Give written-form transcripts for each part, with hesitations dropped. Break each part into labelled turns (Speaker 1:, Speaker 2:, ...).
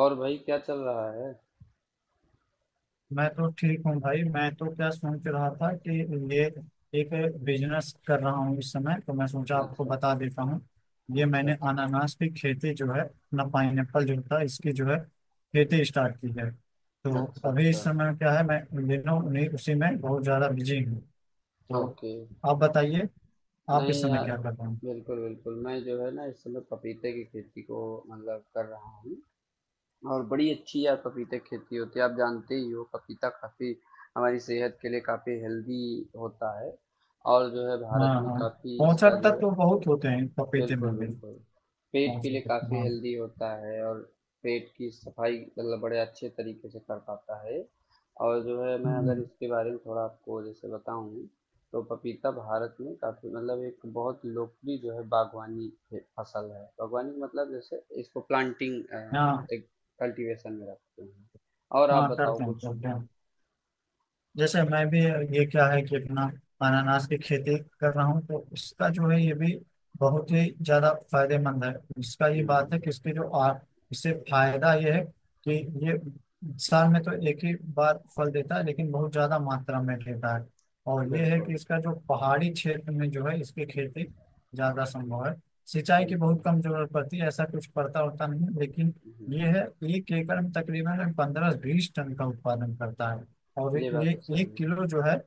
Speaker 1: और भाई क्या चल रहा है?
Speaker 2: मैं तो ठीक हूँ भाई। मैं तो क्या सोच रहा था कि ये एक बिजनेस कर रहा हूँ इस समय, तो मैं सोचा आपको
Speaker 1: अच्छा।
Speaker 2: बता देता हूँ। ये
Speaker 1: अच्छा।
Speaker 2: मैंने
Speaker 1: अच्छा।
Speaker 2: अनानास की खेती जो है ना, पाइनएप्पल जो था, इसकी जो है खेती स्टार्ट की है। तो
Speaker 1: अच्छा।
Speaker 2: अभी
Speaker 1: अच्छा।
Speaker 2: इस समय क्या है, मैं इन दिनों उन्हीं उसी में बहुत ज़्यादा बिजी हूँ। तो
Speaker 1: ओके।
Speaker 2: आप बताइए, आप
Speaker 1: नहीं,
Speaker 2: इस समय
Speaker 1: यार।
Speaker 2: क्या कर रहे हैं?
Speaker 1: बिल्कुल, बिल्कुल। मैं, जो है ना, इस समय पपीते की खेती को मतलब कर रहा हूँ। और बड़ी अच्छी यार पपीते की खेती होती है। आप जानते ही हो, पपीता काफ़ी हमारी सेहत के लिए काफ़ी हेल्दी होता है। और जो है,
Speaker 2: हाँ
Speaker 1: भारत में
Speaker 2: हाँ,
Speaker 1: काफ़ी
Speaker 2: 65
Speaker 1: इसका जो
Speaker 2: तक
Speaker 1: है।
Speaker 2: तो बहुत होते हैं पपीते में
Speaker 1: बिल्कुल,
Speaker 2: भी।
Speaker 1: बिल्कुल। पेट के लिए
Speaker 2: 65 तक,
Speaker 1: काफ़ी
Speaker 2: हाँ।
Speaker 1: हेल्दी होता है, और पेट की सफाई मतलब बड़े अच्छे तरीके से कर पाता है। और जो है, मैं अगर
Speaker 2: हम्म।
Speaker 1: इसके बारे में थोड़ा आपको जैसे बताऊँ, तो पपीता भारत में काफ़ी मतलब एक बहुत लोकप्रिय जो है बागवानी फे फसल है। बागवानी का मतलब जैसे इसको प्लांटिंग
Speaker 2: हाँ
Speaker 1: एक कल्टीवेशन में रखते हैं। और आप
Speaker 2: हाँ,
Speaker 1: बताओ
Speaker 2: करते हैं
Speaker 1: कुछ?
Speaker 2: करते हैं। जैसे मैं भी, ये क्या है कि अपना अनानास की खेती कर रहा हूँ तो उसका जो है ये भी बहुत ही ज्यादा फायदेमंद है। इसका ये
Speaker 1: हुँ।
Speaker 2: बात है कि इसके जो इससे फायदा ये है कि ये साल में तो एक ही बार फल देता है लेकिन बहुत ज्यादा मात्रा में देता है। और ये है कि
Speaker 1: बिल्कुल,
Speaker 2: इसका जो पहाड़ी क्षेत्र में जो है इसकी खेती ज्यादा संभव है। सिंचाई की बहुत
Speaker 1: बिल्कुल।
Speaker 2: कम जरूरत पड़ती है, ऐसा कुछ पड़ता होता नहीं है, लेकिन ये
Speaker 1: हुँ।
Speaker 2: है, 1 एकड़ में तकरीबन 15-20 टन का उत्पादन करता है। और
Speaker 1: ये बात तो सही
Speaker 2: 1 किलो
Speaker 1: है।
Speaker 2: जो है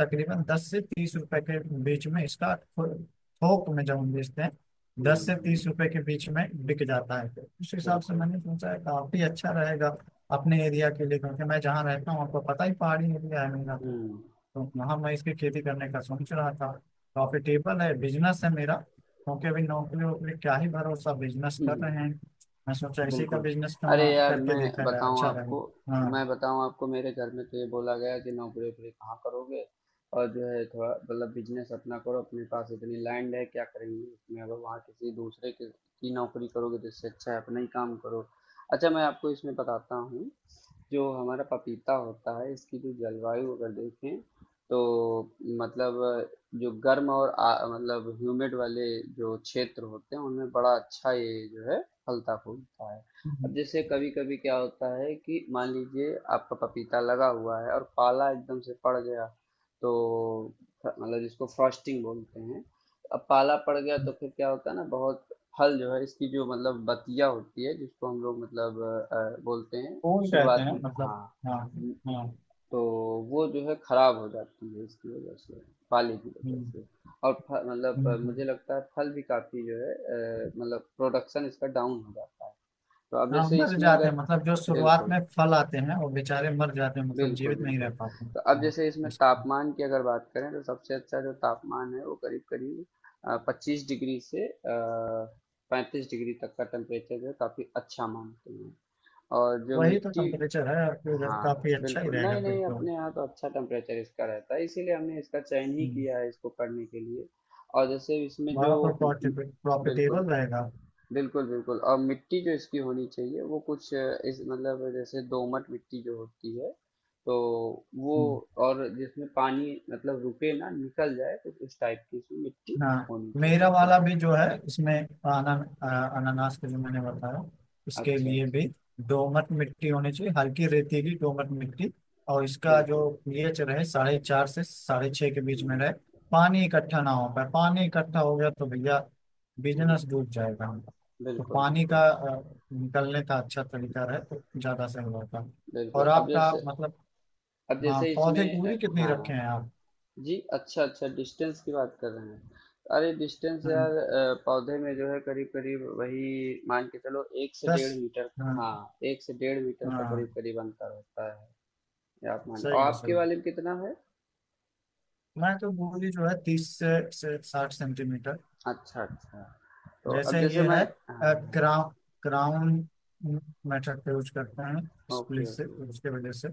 Speaker 2: तकरीबन 10 से 30 रुपए के बीच में इसका थोक में जब हम बेचते हैं,
Speaker 1: हुँ,
Speaker 2: दस से
Speaker 1: हुँ।
Speaker 2: तीस रुपए के बीच में बिक जाता है। तो उस हिसाब से
Speaker 1: बिल्कुल।
Speaker 2: मैंने सोचा है काफी अच्छा रहेगा अपने एरिया के लिए, क्योंकि मैं जहाँ रहता हूँ आपको पता ही, पहाड़ी एरिया है मेरा तो।
Speaker 1: हुँ, हुँ।
Speaker 2: तो वहाँ मैं इसकी खेती करने का सोच रहा था। प्रॉफिटेबल है, बिजनेस है मेरा, क्योंकि अभी नौकरी वोकरी क्या ही भरोसा, बिजनेस कर रहे हैं। मैं सोचा इसी का
Speaker 1: बिल्कुल।
Speaker 2: बिजनेस क्यों
Speaker 1: अरे
Speaker 2: ना
Speaker 1: यार,
Speaker 2: करके
Speaker 1: मैं
Speaker 2: देखा जाए,
Speaker 1: बताऊँ
Speaker 2: अच्छा
Speaker 1: आपको,
Speaker 2: रहेगा। हाँ।
Speaker 1: मैं बताऊँ आपको, मेरे घर में तो ये बोला गया कि नौकरी-वोकरी कहाँ करोगे। और जो है थोड़ा मतलब बिजनेस अपना करो, अपने पास इतनी लैंड है क्या करेंगे उसमें, अगर वहाँ किसी दूसरे के की नौकरी करोगे तो इससे अच्छा है अपना ही काम करो। अच्छा, मैं आपको इसमें बताता हूँ। जो हमारा पपीता होता है, इसकी जो जलवायु अगर देखें, तो मतलब जो गर्म और मतलब ह्यूमिड वाले जो क्षेत्र होते हैं उनमें बड़ा अच्छा ये जो है फलता फूलता है। अब जैसे कभी कभी क्या होता है कि मान लीजिए आपका पपीता लगा हुआ है और पाला एकदम से पड़ गया, तो मतलब जिसको फ्रॉस्टिंग बोलते हैं। अब पाला पड़ गया तो फिर क्या होता है ना, बहुत फल जो है, इसकी जो मतलब बतिया होती है जिसको हम लोग मतलब बोलते हैं।
Speaker 2: फूल कहते
Speaker 1: शुरुआत
Speaker 2: हैं
Speaker 1: में,
Speaker 2: मतलब।
Speaker 1: हाँ।
Speaker 2: हाँ।
Speaker 1: हाँ।
Speaker 2: हाँ।
Speaker 1: तो वो जो है खराब हो जाती है, इसकी वजह से, पाले की वजह
Speaker 2: हम्म।
Speaker 1: से। और मतलब
Speaker 2: हम्म। हम्म।
Speaker 1: मुझे लगता है फल भी काफी जो है, मतलब प्रोडक्शन इसका डाउन हो जाता है। तो अब
Speaker 2: हाँ,
Speaker 1: जैसे
Speaker 2: मर
Speaker 1: इसमें
Speaker 2: जाते हैं,
Speaker 1: अगर,
Speaker 2: मतलब जो शुरुआत
Speaker 1: बिल्कुल,
Speaker 2: में फल आते हैं वो बेचारे मर जाते हैं, मतलब
Speaker 1: बिल्कुल,
Speaker 2: जीवित नहीं रह
Speaker 1: बिल्कुल।
Speaker 2: पाते हैं,
Speaker 1: तो अब
Speaker 2: हाँ।
Speaker 1: जैसे इसमें
Speaker 2: ऐसे।
Speaker 1: तापमान की अगर बात करें, तो सबसे अच्छा जो तापमान है वो करीब करीब 25 डिग्री से 35 डिग्री तक का टेम्परेचर जो है काफी अच्छा मानते हैं। और जो
Speaker 2: वही तो
Speaker 1: मिट्टी,
Speaker 2: टेम्परेचर है, और फिर
Speaker 1: हाँ,
Speaker 2: काफी अच्छा ही
Speaker 1: बिल्कुल। नहीं,
Speaker 2: रहेगा फिर
Speaker 1: नहीं,
Speaker 2: तो।
Speaker 1: अपने यहाँ तो अच्छा टेम्परेचर इसका रहता है, इसीलिए हमने इसका चयन ही
Speaker 2: हम्म।
Speaker 1: किया है इसको करने के लिए। और जैसे इसमें
Speaker 2: बड़ा
Speaker 1: जो बिल्कुल,
Speaker 2: प्रॉफिटेबल रहेगा।
Speaker 1: बिल्कुल, बिल्कुल। और मिट्टी जो इसकी होनी चाहिए वो कुछ इस मतलब जैसे दोमट मिट्टी जो होती है, तो वो,
Speaker 2: हम्म।
Speaker 1: और जिसमें पानी मतलब रुके ना, निकल जाए, तो उस टाइप की इसमें मिट्टी
Speaker 2: हाँ।
Speaker 1: होनी चाहिए,
Speaker 2: मेरा वाला
Speaker 1: बिल्कुल।
Speaker 2: भी जो है इसमें आना, अनानास का जो मैंने बताया उसके
Speaker 1: अच्छा,
Speaker 2: लिए
Speaker 1: अच्छा,
Speaker 2: भी दोमट मिट्टी होनी चाहिए, हल्की रेतीली दोमट मिट्टी। और इसका
Speaker 1: बिल्कुल।
Speaker 2: जो पीएच रहे, 4.5 से 6.5 के बीच में रहे।
Speaker 1: हुँ,
Speaker 2: पानी इकट्ठा ना हो पाए, पानी इकट्ठा हो गया तो भैया
Speaker 1: हुँ,
Speaker 2: बिजनेस डूब जाएगा हमारा। तो
Speaker 1: बिल्कुल,
Speaker 2: पानी का
Speaker 1: बिल्कुल,
Speaker 2: निकलने का अच्छा तरीका रहे तो ज़्यादा सही होगा। और
Speaker 1: बिल्कुल। अब
Speaker 2: आपका
Speaker 1: जैसे
Speaker 2: मतलब,
Speaker 1: अब
Speaker 2: हाँ,
Speaker 1: जैसे
Speaker 2: पौधे की
Speaker 1: इसमें
Speaker 2: दूरी कितनी रखे
Speaker 1: हाँ।
Speaker 2: हैं आप?
Speaker 1: जी, अच्छा, अच्छा, डिस्टेंस की बात कर रहे हैं। अरे डिस्टेंस
Speaker 2: हम्म,
Speaker 1: यार, पौधे में जो है करीब करीब वही मान के चलो, एक से
Speaker 2: दस,
Speaker 1: डेढ़ मीटर हाँ,
Speaker 2: हाँ,
Speaker 1: 1 से 1.5 मीटर का करीब
Speaker 2: हाँ।
Speaker 1: करीब अंतर होता है। ये आप मान। और
Speaker 2: सही है सही
Speaker 1: आपके
Speaker 2: है।
Speaker 1: वाले में कितना है?
Speaker 2: मैं तो बोली जो है 30 से 60 सेंटीमीटर।
Speaker 1: अच्छा, अच्छा। तो अब
Speaker 2: जैसे
Speaker 1: जैसे
Speaker 2: ये
Speaker 1: मैं,
Speaker 2: है
Speaker 1: हाँ,
Speaker 2: क्राउन, क्राउन मेथड का यूज करते हैं, स्प्लिट
Speaker 1: ओके,
Speaker 2: से
Speaker 1: ओके,
Speaker 2: उसके वजह से।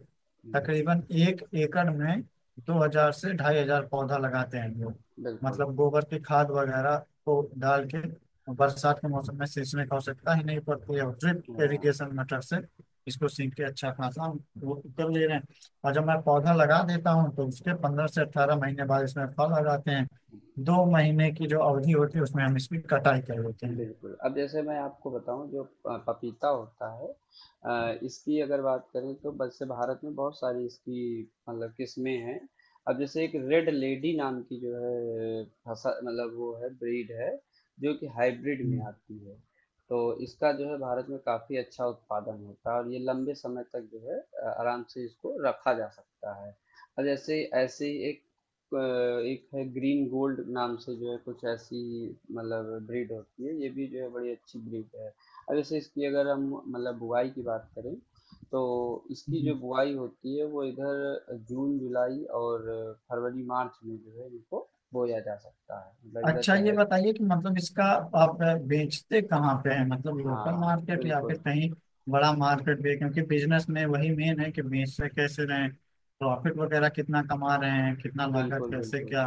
Speaker 2: तकरीबन
Speaker 1: हम्म,
Speaker 2: 1 एकड़ में 2,000 से 2,500 पौधा लगाते हैं लोग।
Speaker 1: बिल्कुल,
Speaker 2: मतलब गोबर की खाद वगैरह को डाल के बरसात के मौसम में सींचने की आवश्यकता ही नहीं पड़ती है, ड्रिप
Speaker 1: हाँ,
Speaker 2: इरिगेशन मेथड से इसको सींच के अच्छा खासा हम वो कर ले रहे हैं। और जब मैं पौधा लगा देता हूँ तो उसके 15 से 18 महीने बाद इसमें फल आ जाते हैं। 2 महीने की जो अवधि होती है उसमें हम इसकी कटाई कर लेते हैं।
Speaker 1: बिल्कुल, अब जैसे मैं आपको बताऊँ जो पपीता होता है, इसकी अगर बात करें, तो वैसे भारत में बहुत सारी इसकी मतलब किस्में हैं। अब जैसे एक रेड लेडी नाम की जो है फसल, मतलब वो है, ब्रीड है, जो कि हाइब्रिड में
Speaker 2: हम्म।
Speaker 1: आती है। तो इसका जो है भारत में काफ़ी अच्छा उत्पादन होता है, और ये लंबे समय तक जो है आराम से इसको रखा जा सकता है। और जैसे ऐसे ही एक है, ग्रीन गोल्ड नाम से जो है कुछ ऐसी मतलब ब्रीड होती है, ये भी जो है बड़ी अच्छी ब्रीड है। अब जैसे इसकी अगर हम मतलब बुआई की बात करें, तो इसकी
Speaker 2: हम्म।
Speaker 1: जो बुआई होती है वो इधर जून जुलाई और फरवरी मार्च में जो है इनको बोया जा सकता है, मतलब इधर
Speaker 2: अच्छा, ये
Speaker 1: चाहे तो।
Speaker 2: बताइए कि मतलब इसका, आप बेचते कहाँ पे हैं? मतलब लोकल
Speaker 1: हाँ,
Speaker 2: मार्केट या फिर
Speaker 1: बिल्कुल,
Speaker 2: कहीं बड़ा मार्केट भी है? क्योंकि बिजनेस में वही मेन है कि बेचते कैसे रहे, प्रॉफिट वगैरह कितना कमा रहे हैं, कितना लागत,
Speaker 1: बिल्कुल,
Speaker 2: कैसे
Speaker 1: बिल्कुल।
Speaker 2: क्या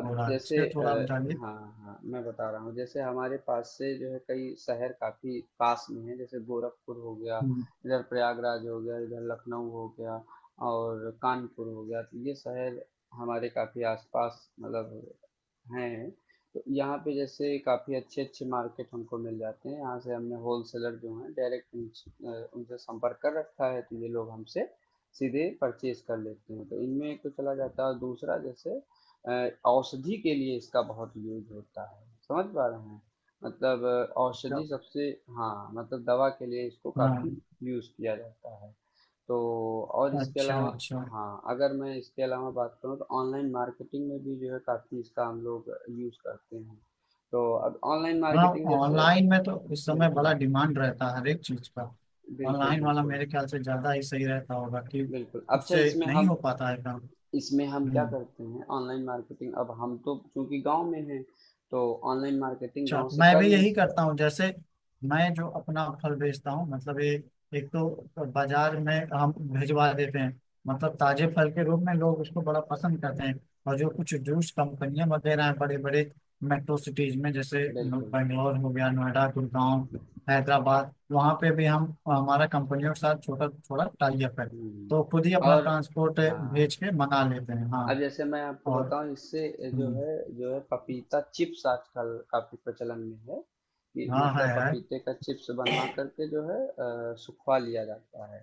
Speaker 1: अब
Speaker 2: हो रहा है,
Speaker 1: जैसे
Speaker 2: उसके थोड़ा बताइए।
Speaker 1: हाँ, हाँ, मैं बता रहा हूँ। जैसे हमारे पास से जो है कई शहर काफी पास में है, जैसे गोरखपुर हो गया,
Speaker 2: हम्म।
Speaker 1: इधर प्रयागराज हो गया, इधर लखनऊ हो गया, और कानपुर हो गया। तो ये शहर हमारे काफी आसपास मतलब हैं। तो यहाँ पे जैसे काफ़ी अच्छे-अच्छे मार्केट हमको मिल जाते हैं। यहाँ से हमने होलसेलर जो हैं डायरेक्ट उनसे संपर्क कर रखा है, तो ये लोग हमसे सीधे परचेज़ कर लेते हैं। तो इनमें एक तो चला जाता है, और दूसरा जैसे औषधि के लिए इसका बहुत यूज़ होता है। समझ पा रहे हैं? मतलब
Speaker 2: अच्छा।
Speaker 1: औषधि सबसे, हाँ, मतलब दवा के लिए इसको
Speaker 2: हाँ।
Speaker 1: काफ़ी यूज़ किया जाता है। तो और इसके
Speaker 2: अच्छा
Speaker 1: अलावा,
Speaker 2: अच्छा।
Speaker 1: हाँ, अगर मैं इसके अलावा बात करूँ, तो ऑनलाइन मार्केटिंग में भी जो है काफ़ी इसका हम लोग यूज़ करते हैं। तो अब ऑनलाइन
Speaker 2: हाँ।
Speaker 1: मार्केटिंग जैसे,
Speaker 2: ऑनलाइन में तो इस समय बड़ा
Speaker 1: बिल्कुल,
Speaker 2: डिमांड रहता है हर एक चीज का।
Speaker 1: बिल्कुल,
Speaker 2: ऑनलाइन वाला
Speaker 1: बिल्कुल,
Speaker 2: मेरे ख्याल से ज्यादा ही सही रहता होगा कि
Speaker 1: बिल्कुल। अच्छा,
Speaker 2: उससे
Speaker 1: इसमें
Speaker 2: नहीं
Speaker 1: हम,
Speaker 2: हो पाता है काम।
Speaker 1: इसमें हम क्या
Speaker 2: हम्म।
Speaker 1: करते हैं ऑनलाइन मार्केटिंग, अब हम तो चूंकि गांव में हैं, तो ऑनलाइन मार्केटिंग
Speaker 2: अच्छा,
Speaker 1: गांव
Speaker 2: तो
Speaker 1: से
Speaker 2: मैं
Speaker 1: कर
Speaker 2: भी
Speaker 1: नहीं,
Speaker 2: यही करता हूँ। जैसे मैं जो अपना फल बेचता हूँ, मतलब ये, एक तो बाजार में हम भिजवा देते हैं, मतलब ताजे फल के रूप में लोग उसको बड़ा पसंद करते हैं। और जो कुछ जूस कंपनियां वगैरह हैं बड़े बड़े मेट्रो सिटीज में, जैसे
Speaker 1: बिल्कुल,
Speaker 2: बेंगलोर हो गया, नोएडा, गुड़गांव, हैदराबाद, वहाँ पे भी हम, हमारा कंपनियों के साथ छोटा थोड़ा टाई अप है।
Speaker 1: हम्म,
Speaker 2: तो खुद ही अपना
Speaker 1: और,
Speaker 2: ट्रांसपोर्ट
Speaker 1: हाँ।
Speaker 2: भेज के मंगा लेते हैं, हाँ।
Speaker 1: अब जैसे मैं आपको
Speaker 2: और
Speaker 1: बताऊं इससे जो
Speaker 2: हम्म,
Speaker 1: है, जो है पपीता चिप्स आजकल काफी प्रचलन में है। कि
Speaker 2: हाँ है
Speaker 1: मतलब
Speaker 2: है
Speaker 1: पपीते का चिप्स बनवा करके जो है सुखवा लिया जाता है,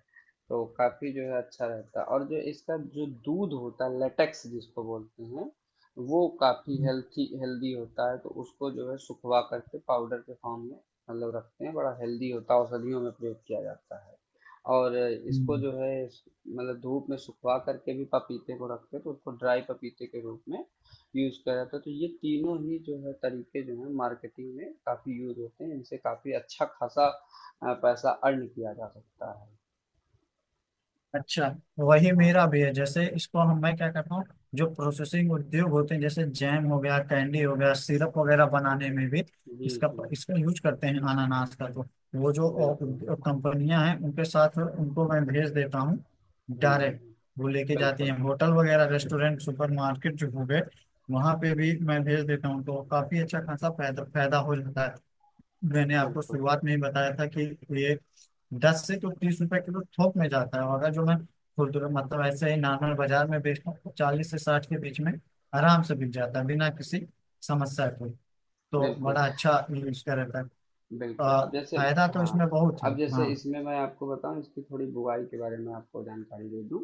Speaker 1: तो काफी जो है अच्छा रहता है। और जो इसका जो दूध होता है, लेटेक्स जिसको बोलते हैं, वो काफी
Speaker 2: हम्म।
Speaker 1: हेल्थी हेल्दी होता है, तो उसको जो है सुखवा करके पाउडर के फॉर्म में मतलब रखते हैं, बड़ा हेल्दी होता है, औषधियों में प्रयोग किया जाता है। और इसको
Speaker 2: हम्म।
Speaker 1: जो है मतलब धूप में सुखवा करके भी पपीते को रखते हैं, तो उसको ड्राई पपीते के रूप में यूज़ किया जाता है। तो ये तीनों ही जो है तरीके जो है मार्केटिंग में काफ़ी यूज़ होते हैं, इनसे काफ़ी अच्छा खासा पैसा अर्न किया जा सकता है।
Speaker 2: अच्छा, वही
Speaker 1: हाँ,
Speaker 2: मेरा भी है, जैसे इसको हम, मैं क्या करता हूँ, जो प्रोसेसिंग उद्योग होते हैं जैसे जैम हो गया, कैंडी हो गया, सिरप वगैरह बनाने में भी
Speaker 1: जी,
Speaker 2: इसका
Speaker 1: जी,
Speaker 2: इसका यूज करते हैं अनानास का तो। वो जो
Speaker 1: बिल्कुल,
Speaker 2: कंपनियां हैं उनके साथ, उनको मैं भेज देता हूँ
Speaker 1: हम्म,
Speaker 2: डायरेक्ट। वो लेके जाती
Speaker 1: बिल्कुल,
Speaker 2: हैं होटल वगैरह, रेस्टोरेंट, सुपरमार्केट जो हो गए, वहां पे भी मैं भेज देता हूँ, तो काफी अच्छा खासा फायदा फायदा हो जाता है। मैंने आपको
Speaker 1: बिल्कुल,
Speaker 2: शुरुआत में ही बताया था कि ये 10 से तो 30 रुपए किलो थोक में जाता है, और अगर जो मैं खुदरा मतलब ऐसे ही नॉर्मल बाजार में बेचता हूँ तो 40 से 60 के बीच में आराम से बिक जाता है, बिना किसी समस्या के। तो
Speaker 1: बिल्कुल,
Speaker 2: बड़ा अच्छा ये इसका रहता है।
Speaker 1: बिल्कुल,
Speaker 2: अ,
Speaker 1: अब जैसे,
Speaker 2: फायदा तो इसमें
Speaker 1: हाँ,
Speaker 2: बहुत है,
Speaker 1: अब जैसे
Speaker 2: हाँ।
Speaker 1: इसमें मैं आपको बताऊँ इसकी थोड़ी बुवाई के बारे में आपको जानकारी दे दूँ,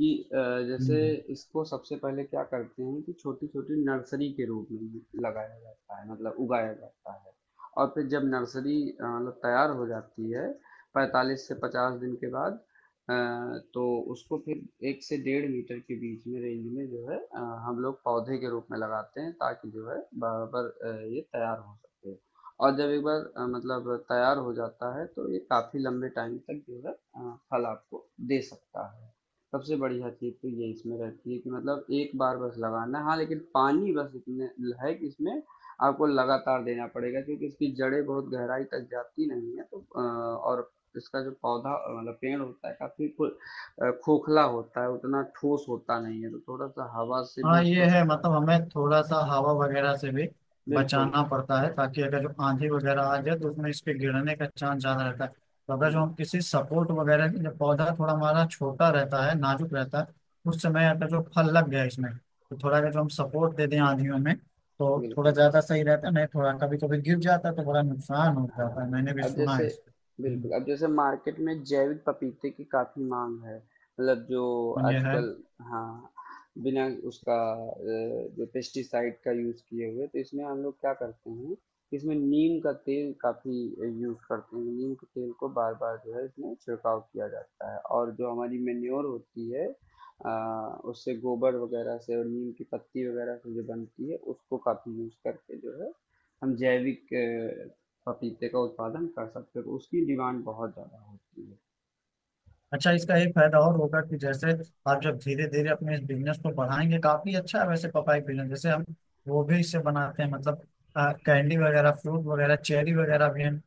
Speaker 1: कि जैसे
Speaker 2: हम्म।
Speaker 1: इसको सबसे पहले क्या करते हैं, कि छोटी-छोटी नर्सरी के रूप में लगाया जाता है, मतलब उगाया जाता है। और फिर जब नर्सरी मतलब तैयार हो जाती है, 45 से 50 दिन के बाद, अ, तो उसको फिर 1 से डेढ़ मीटर के बीच में रेंज में जो है, हम लोग पौधे के रूप में लगाते हैं, ताकि जो है बराबर ये तैयार हो सके। और जब एक बार मतलब तैयार हो जाता है, तो ये काफी लंबे टाइम तक जो है फल आपको दे सकता है। सबसे बढ़िया चीज तो ये इसमें रहती है कि मतलब एक बार बस लगाना है, हाँ, लेकिन पानी बस इतने है कि इसमें आपको लगातार देना पड़ेगा, क्योंकि इसकी जड़ें बहुत गहराई तक जाती नहीं है, तो और इसका जो पौधा मतलब पेड़ होता है काफी खोखला होता है, उतना ठोस होता नहीं है, तो थोड़ा सा हवा से भी
Speaker 2: हाँ ये
Speaker 1: इसको,
Speaker 2: है, मतलब हमें थोड़ा सा हवा वगैरह से भी
Speaker 1: बिल्कुल,
Speaker 2: बचाना पड़ता है, ताकि अगर जो आंधी वगैरह आ जाए तो उसमें इसके गिरने का चांस ज्यादा रहता है। तो अगर जो
Speaker 1: हम्म,
Speaker 2: हम किसी सपोर्ट वगैरह की, जब पौधा थोड़ा हमारा छोटा रहता है, नाजुक रहता है, उस समय अगर जो फल लग गया इसमें, तो थोड़ा अगर जो हम सपोर्ट दे दें आंधियों में, तो थोड़ा
Speaker 1: बिल्कुल,
Speaker 2: ज्यादा सही रहता है। नहीं थोड़ा कभी कभी गिर जाता है तो बड़ा नुकसान हो जाता है,
Speaker 1: हाँ,
Speaker 2: मैंने भी
Speaker 1: अब
Speaker 2: सुना है
Speaker 1: जैसे,
Speaker 2: इसको।
Speaker 1: बिल्कुल।
Speaker 2: हम्म।
Speaker 1: अब जैसे मार्केट में जैविक पपीते की काफी मांग है, मतलब जो
Speaker 2: और ये है।
Speaker 1: आजकल, हाँ, बिना उसका जो पेस्टिसाइड का यूज किए हुए। तो इसमें हम लोग क्या करते हैं, इसमें नीम का तेल काफी यूज करते हैं, नीम के तेल को बार बार जो है इसमें छिड़काव किया जाता है। और जो हमारी मेन्योर होती है अ, उससे, गोबर वगैरह से और नीम की पत्ती वगैरह से जो बनती है, उसको काफी यूज करके जो है हम जैविक पपीते का उत्पादन कर सकते हो, तो उसकी डिमांड बहुत ज़्यादा होती है।
Speaker 2: अच्छा, इसका एक फायदा और होगा कि जैसे आप जब धीरे धीरे अपने इस बिजनेस को बढ़ाएंगे, काफी अच्छा है वैसे। पपाई बिजनेस जैसे हम, वो भी इससे बनाते हैं, मतलब कैंडी वगैरह, फ्रूट वगैरह, चेरी वगैरह भी हम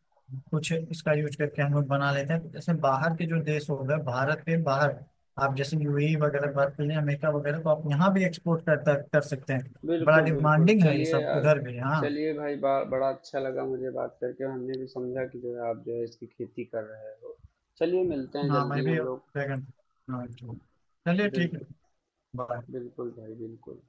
Speaker 2: कुछ इसका यूज करके हम लोग बना लेते हैं। तो जैसे बाहर के जो देश हो गए, भारत के बाहर, आप जैसे यूएई वगैरह की बात कर लें, अमेरिका वगैरह, तो आप यहाँ भी एक्सपोर्ट कर सकते हैं। बड़ा
Speaker 1: बिल्कुल, बिल्कुल,
Speaker 2: डिमांडिंग है ये
Speaker 1: चलिए
Speaker 2: सब
Speaker 1: यार,
Speaker 2: उधर भी, हाँ।
Speaker 1: चलिए भाई, बड़ा अच्छा लगा मुझे बात करके, हमने भी समझा कि जो है आप जो है इसकी खेती कर रहे हो। चलिए मिलते हैं
Speaker 2: हाँ मैं
Speaker 1: जल्दी
Speaker 2: भी
Speaker 1: हम लोग।
Speaker 2: ड्रैगन। हाँ। चलिए ठीक है।
Speaker 1: बिल्कुल,
Speaker 2: बाय।
Speaker 1: बिल्कुल भाई, बिल्कुल।